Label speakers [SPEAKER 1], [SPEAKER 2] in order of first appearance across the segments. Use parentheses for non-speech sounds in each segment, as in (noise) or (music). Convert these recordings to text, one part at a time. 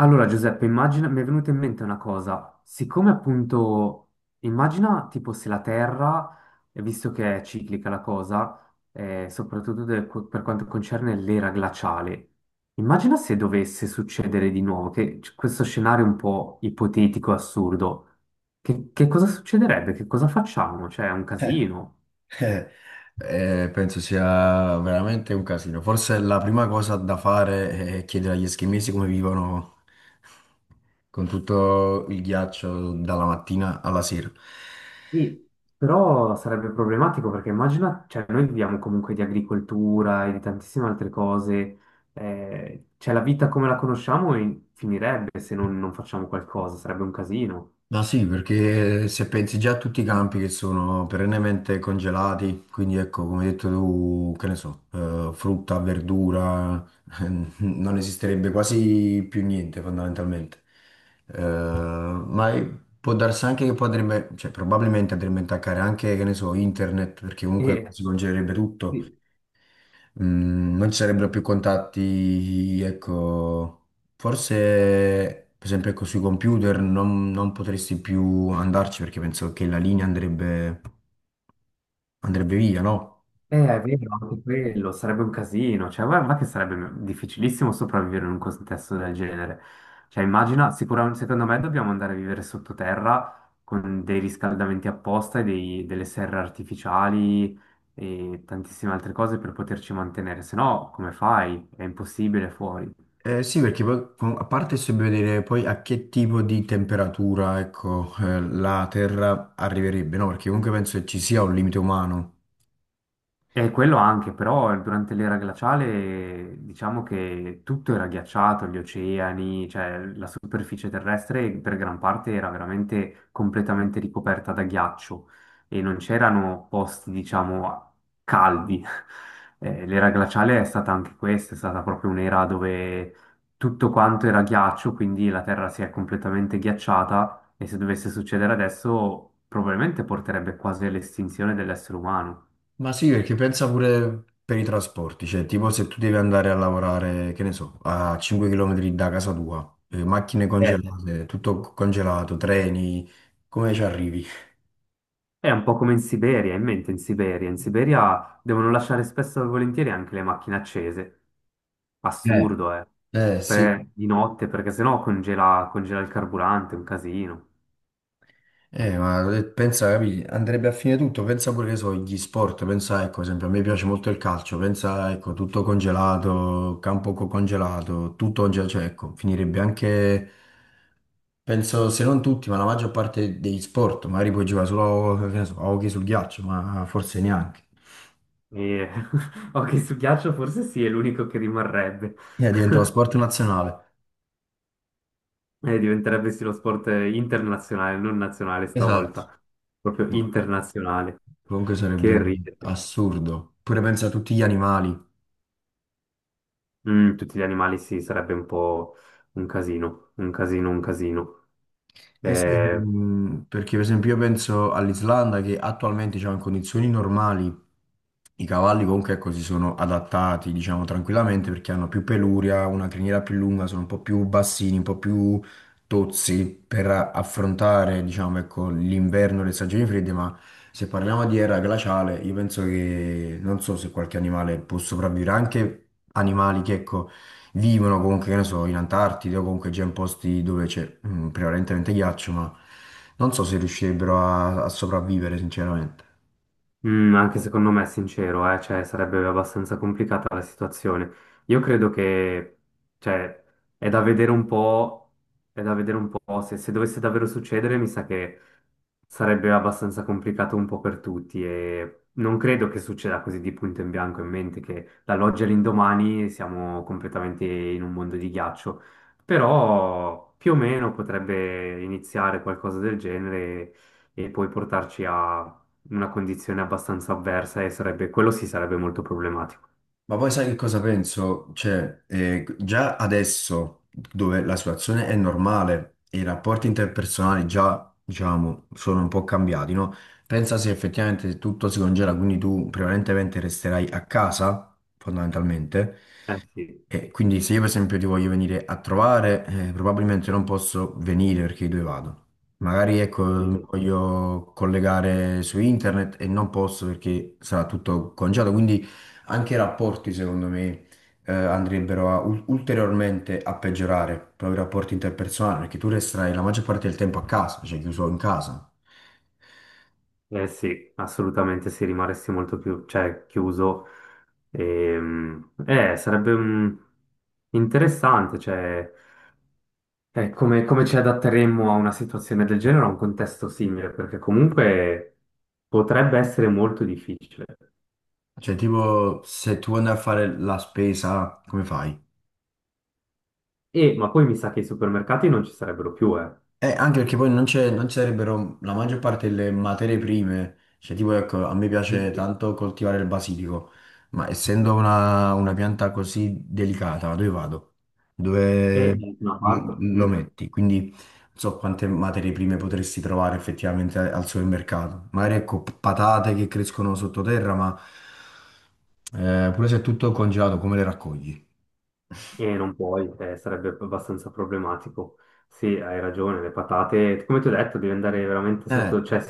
[SPEAKER 1] Allora, Giuseppe, immagina, mi è venuta in mente una cosa. Siccome appunto, immagina tipo se la Terra, visto che è ciclica la cosa, soprattutto per quanto concerne l'era glaciale, immagina se dovesse succedere di nuovo, che questo scenario è un po' ipotetico, assurdo, che cosa succederebbe? Che cosa facciamo? Cioè, è un
[SPEAKER 2] Eh,
[SPEAKER 1] casino.
[SPEAKER 2] eh, Penso sia veramente un casino. Forse la prima cosa da fare è chiedere agli eschimesi come vivono con tutto il ghiaccio dalla mattina alla sera.
[SPEAKER 1] Sì, però sarebbe problematico perché immagina, cioè noi viviamo comunque di agricoltura e di tantissime altre cose, cioè la vita come la conosciamo finirebbe se non facciamo qualcosa, sarebbe un casino.
[SPEAKER 2] Ma sì,
[SPEAKER 1] Eh,
[SPEAKER 2] perché se pensi già a tutti i campi che sono perennemente congelati, quindi ecco, come hai detto tu, che ne so, frutta, verdura, (laughs) non esisterebbe quasi più niente fondamentalmente. Eh, ma è- Può darsi anche che poi andrebbe, cioè probabilmente andrebbe a intaccare anche, che ne so, internet, perché comunque
[SPEAKER 1] E,
[SPEAKER 2] si congelerebbe
[SPEAKER 1] sì.
[SPEAKER 2] tutto. Mm, non ci sarebbero più contatti, ecco, forse per esempio ecco, sui computer non potresti più andarci perché penso che la linea andrebbe via, no?
[SPEAKER 1] È vero, anche quello sarebbe un casino, cioè guarda che sarebbe difficilissimo sopravvivere in un contesto del genere. Cioè immagina, sicuramente secondo me dobbiamo andare a vivere sottoterra con dei riscaldamenti apposta e delle serre artificiali e tantissime altre cose per poterci mantenere, se no come fai? È impossibile fuori.
[SPEAKER 2] Sì, perché poi a parte se vedere poi a che tipo di temperatura, ecco, la Terra arriverebbe, no? Perché comunque penso che ci sia un limite umano.
[SPEAKER 1] E quello anche, però durante l'era glaciale diciamo che tutto era ghiacciato, gli oceani, cioè la superficie terrestre per gran parte era veramente completamente ricoperta da ghiaccio e non c'erano posti, diciamo, caldi. (laughs) L'era glaciale è stata anche questa, è stata proprio un'era dove tutto quanto era ghiaccio, quindi la Terra si è completamente ghiacciata e se dovesse succedere adesso probabilmente porterebbe quasi all'estinzione dell'essere umano.
[SPEAKER 2] Ma sì, perché pensa pure per i trasporti, cioè tipo se tu devi andare a lavorare, che ne so, a 5 km da casa tua, macchine
[SPEAKER 1] Eh,
[SPEAKER 2] congelate, tutto congelato, treni, come ci arrivi?
[SPEAKER 1] È un po' come in Siberia, in mente in Siberia. In Siberia devono lasciare spesso e volentieri anche le macchine accese.
[SPEAKER 2] Eh.
[SPEAKER 1] Assurdo, eh.
[SPEAKER 2] Eh sì,
[SPEAKER 1] Di notte, perché sennò congela, congela il carburante, è un casino.
[SPEAKER 2] Pensa, capi, andrebbe a fine tutto, pensa pure che so, gli sport, pensa ecco, ad esempio, a me piace molto il calcio, pensa ecco, tutto congelato, congelato, tutto congelato, cioè ecco, finirebbe anche... Penso se non tutti, ma la maggior parte degli sport, magari puoi giocare solo che ne so, a hockey sul ghiaccio, ma forse neanche.
[SPEAKER 1] E... (laughs) Ok, su ghiaccio forse sì, è l'unico che rimarrebbe. (laughs)
[SPEAKER 2] Diventa lo sport nazionale.
[SPEAKER 1] E diventerebbe sì lo sport internazionale, non nazionale
[SPEAKER 2] Esatto.
[SPEAKER 1] stavolta. Proprio
[SPEAKER 2] No,
[SPEAKER 1] internazionale.
[SPEAKER 2] comunque sarebbe
[SPEAKER 1] Che ridere.
[SPEAKER 2] assurdo. Pure pensa a tutti gli animali.
[SPEAKER 1] Mm, tutti gli animali sì, sarebbe un po' un casino, un casino, un casino.
[SPEAKER 2] Eh sì,
[SPEAKER 1] Eh,
[SPEAKER 2] mm, perché per esempio io penso all'Islanda che attualmente diciamo, in condizioni normali i cavalli comunque ecco, si sono adattati diciamo, tranquillamente perché hanno più peluria, una criniera più lunga, sono un po' più bassini, un po' più tozzi per affrontare diciamo, ecco, l'inverno e le stagioni fredde, ma se parliamo di era glaciale io penso che non so se qualche animale può sopravvivere, anche animali che ecco, vivono comunque, che ne so, in Antartide o comunque già in posti dove c'è mm, prevalentemente ghiaccio, ma non so se riuscirebbero a sopravvivere, sinceramente.
[SPEAKER 1] Mm, anche secondo me è sincero, cioè, sarebbe abbastanza complicata la situazione. Io credo che, cioè, è da vedere un po', è da vedere un po' se dovesse davvero succedere, mi sa che sarebbe abbastanza complicato un po' per tutti e non credo che succeda così di punto in bianco in mente che dall'oggi all'indomani siamo completamente in un mondo di ghiaccio, però più o meno potrebbe iniziare qualcosa del genere e poi portarci a una condizione abbastanza avversa e sarebbe, quello sì sarebbe molto problematico.
[SPEAKER 2] Ma poi sai che cosa penso? Cioè, già adesso, dove la situazione è normale e i rapporti interpersonali già, diciamo, sono un po' cambiati, no? Pensa se effettivamente tutto si congela, quindi tu prevalentemente resterai a casa, fondamentalmente.
[SPEAKER 1] Eh
[SPEAKER 2] E quindi se io per esempio ti voglio venire a trovare, probabilmente non posso venire perché dove vado. Magari ecco, mm,
[SPEAKER 1] sì.
[SPEAKER 2] voglio collegare su internet e non posso perché sarà tutto congelato. Quindi anche i rapporti, secondo me, andrebbero a ulteriormente a peggiorare proprio i rapporti interpersonali, perché tu resterai la maggior parte del tempo a casa, cioè chiuso in casa.
[SPEAKER 1] Eh sì, assolutamente sì, rimarresti molto più, cioè, chiuso. Sarebbe interessante, cioè, come, come ci adatteremmo a una situazione del genere, a un contesto simile, perché comunque potrebbe essere molto difficile.
[SPEAKER 2] Cioè, tipo, se tu vuoi andare a fare la spesa, come fai?
[SPEAKER 1] E, ma poi mi sa che i supermercati non ci sarebbero più, eh.
[SPEAKER 2] Anche perché poi non ci sarebbero la maggior parte delle materie prime, cioè tipo ecco, a me piace
[SPEAKER 1] Sì.
[SPEAKER 2] tanto coltivare il basilico, ma essendo una pianta così delicata, dove vado?
[SPEAKER 1] E
[SPEAKER 2] Dove
[SPEAKER 1] da una parte.
[SPEAKER 2] mm, lo
[SPEAKER 1] Mm.
[SPEAKER 2] metti? Quindi non so quante materie prime potresti trovare effettivamente al supermercato. Magari ecco patate che crescono sottoterra, ma pure se è tutto congelato, come le raccogli?
[SPEAKER 1] E non puoi, sarebbe abbastanza problematico. Sì, hai ragione, le patate, come ti ho detto, devi andare veramente
[SPEAKER 2] Eh,
[SPEAKER 1] sotto, cioè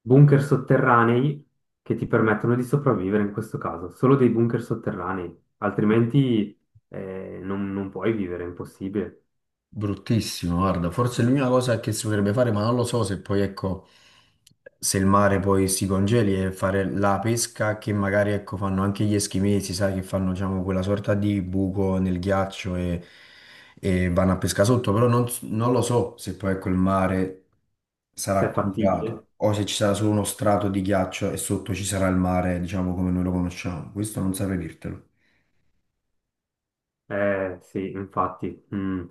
[SPEAKER 1] bunker sotterranei che ti permettono di sopravvivere in questo caso, solo dei bunker sotterranei, altrimenti non puoi vivere, è impossibile.
[SPEAKER 2] Bruttissimo, guarda, forse
[SPEAKER 1] Se
[SPEAKER 2] l'unica cosa che si potrebbe fare, ma non lo so se poi, ecco, se il mare poi si congeli è fare la pesca che magari, ecco, fanno anche gli eschimesi, sai, che fanno, diciamo, quella sorta di buco nel ghiaccio e vanno a pesca sotto, però non, non lo so se poi, ecco, il mare
[SPEAKER 1] è
[SPEAKER 2] sarà
[SPEAKER 1] fattibile.
[SPEAKER 2] congelato o se ci sarà solo uno strato di ghiaccio e sotto ci sarà il mare, diciamo, come noi lo conosciamo. Questo non saprei dirtelo.
[SPEAKER 1] Eh sì, infatti, mm,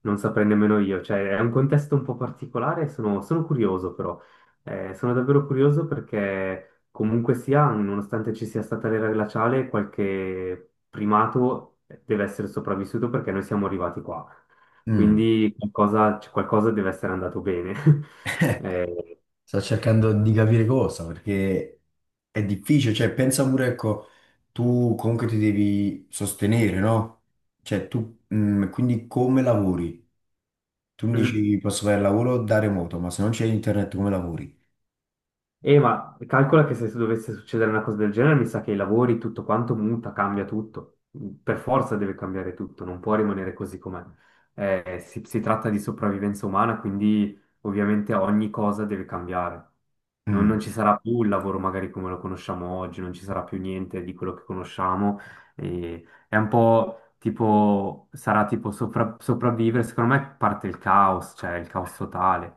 [SPEAKER 1] non saprei nemmeno io, cioè è un contesto un po' particolare, sono curioso però, eh, sono davvero curioso perché comunque sia, nonostante ci sia stata l'era glaciale, qualche primato deve essere sopravvissuto perché noi siamo arrivati qua,
[SPEAKER 2] Mm.
[SPEAKER 1] quindi qualcosa, cioè, qualcosa deve essere andato bene. (laughs) Eh,
[SPEAKER 2] Sto cercando di capire cosa, perché è difficile, cioè pensa pure, ecco, tu comunque ti devi sostenere, no? Cioè tu, mm, quindi come lavori? Tu mi
[SPEAKER 1] mm.
[SPEAKER 2] dici posso fare il lavoro da remoto, ma se non c'è internet come lavori?
[SPEAKER 1] E ma calcola che se dovesse succedere una cosa del genere, mi sa che i lavori, tutto quanto muta, cambia tutto. Per forza deve cambiare tutto, non può rimanere così com'è. Si, si tratta di sopravvivenza umana, quindi ovviamente ogni cosa deve cambiare.
[SPEAKER 2] Mm.
[SPEAKER 1] Non ci sarà più il lavoro magari come lo conosciamo oggi, non ci sarà più niente di quello che conosciamo. E è un po' tipo, sarà tipo sopravvivere. Secondo me parte il caos, cioè il caos totale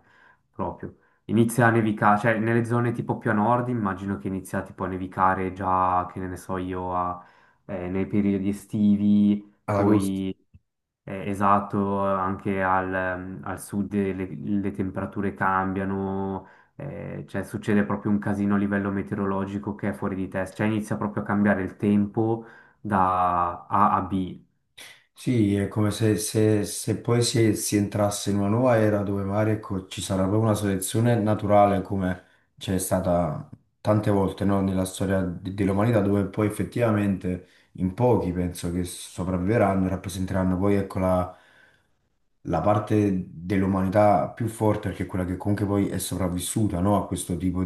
[SPEAKER 1] proprio. Inizia a nevicare, cioè nelle zone tipo più a nord immagino che inizia tipo a nevicare già, che ne so io, nei periodi estivi,
[SPEAKER 2] Allora,
[SPEAKER 1] poi esatto, anche al, al sud le temperature cambiano, cioè succede proprio un casino a livello meteorologico che è fuori di testa, cioè inizia proprio a cambiare il tempo da A a B.
[SPEAKER 2] sì, è come se, se poi si entrasse in una nuova era dove magari ecco, ci sarà proprio una selezione naturale come c'è stata tante volte no, nella storia dell'umanità dove poi effettivamente in pochi penso che sopravviveranno e rappresenteranno poi ecco, la parte dell'umanità più forte perché è quella che comunque poi è sopravvissuta no, a questo tipo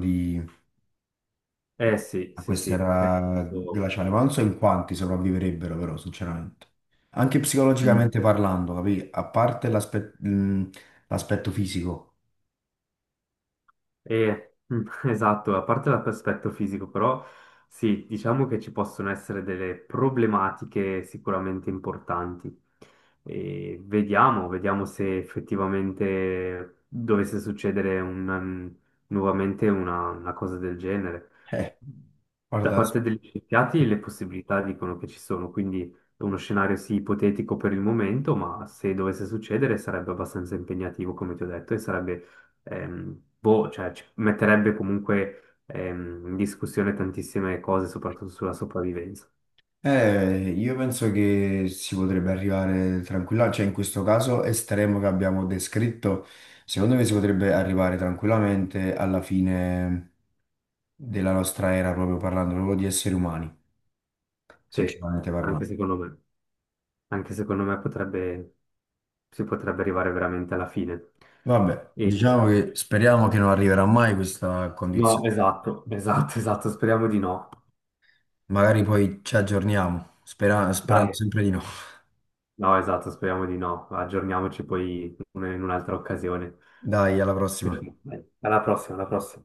[SPEAKER 1] Eh sì,
[SPEAKER 2] a
[SPEAKER 1] sì, sì. Cioè, nel
[SPEAKER 2] quest'era
[SPEAKER 1] senso,
[SPEAKER 2] glaciale, ma non so in quanti sopravviverebbero però, sinceramente. Anche
[SPEAKER 1] mm.
[SPEAKER 2] psicologicamente parlando, capì? A parte l'aspetto fisico.
[SPEAKER 1] E, mm, (laughs) esatto, a parte l'aspetto fisico, però sì, diciamo che ci possono essere delle problematiche sicuramente importanti. E vediamo, vediamo se effettivamente dovesse succedere un, nuovamente una cosa del genere.
[SPEAKER 2] (laughs) Eh,
[SPEAKER 1] Da
[SPEAKER 2] guarda,
[SPEAKER 1] parte degli scienziati le possibilità dicono che ci sono, quindi è uno scenario sì ipotetico per il momento, ma se dovesse succedere sarebbe abbastanza impegnativo, come ti ho detto, e sarebbe boh, cioè, ci metterebbe comunque in discussione tantissime cose, soprattutto sulla sopravvivenza.
[SPEAKER 2] io penso che si potrebbe arrivare tranquillamente, cioè in questo caso estremo che abbiamo descritto, secondo me si potrebbe arrivare tranquillamente alla fine della nostra era, proprio parlando proprio di esseri umani,
[SPEAKER 1] Sì,
[SPEAKER 2] sinceramente
[SPEAKER 1] anche
[SPEAKER 2] parlando.
[SPEAKER 1] secondo me. Anche secondo me potrebbe, si potrebbe arrivare veramente alla fine.
[SPEAKER 2] Vabbè,
[SPEAKER 1] E-
[SPEAKER 2] diciamo che speriamo che non arriverà mai questa
[SPEAKER 1] No,
[SPEAKER 2] condizione.
[SPEAKER 1] esatto, esatto, (laughs) esatto, speriamo di no.
[SPEAKER 2] Magari poi ci aggiorniamo, sperando
[SPEAKER 1] Dai,
[SPEAKER 2] sempre di no.
[SPEAKER 1] no, esatto, speriamo di no. Aggiorniamoci poi in un'altra occasione.
[SPEAKER 2] Dai, alla prossima.
[SPEAKER 1] Alla prossima, alla prossima.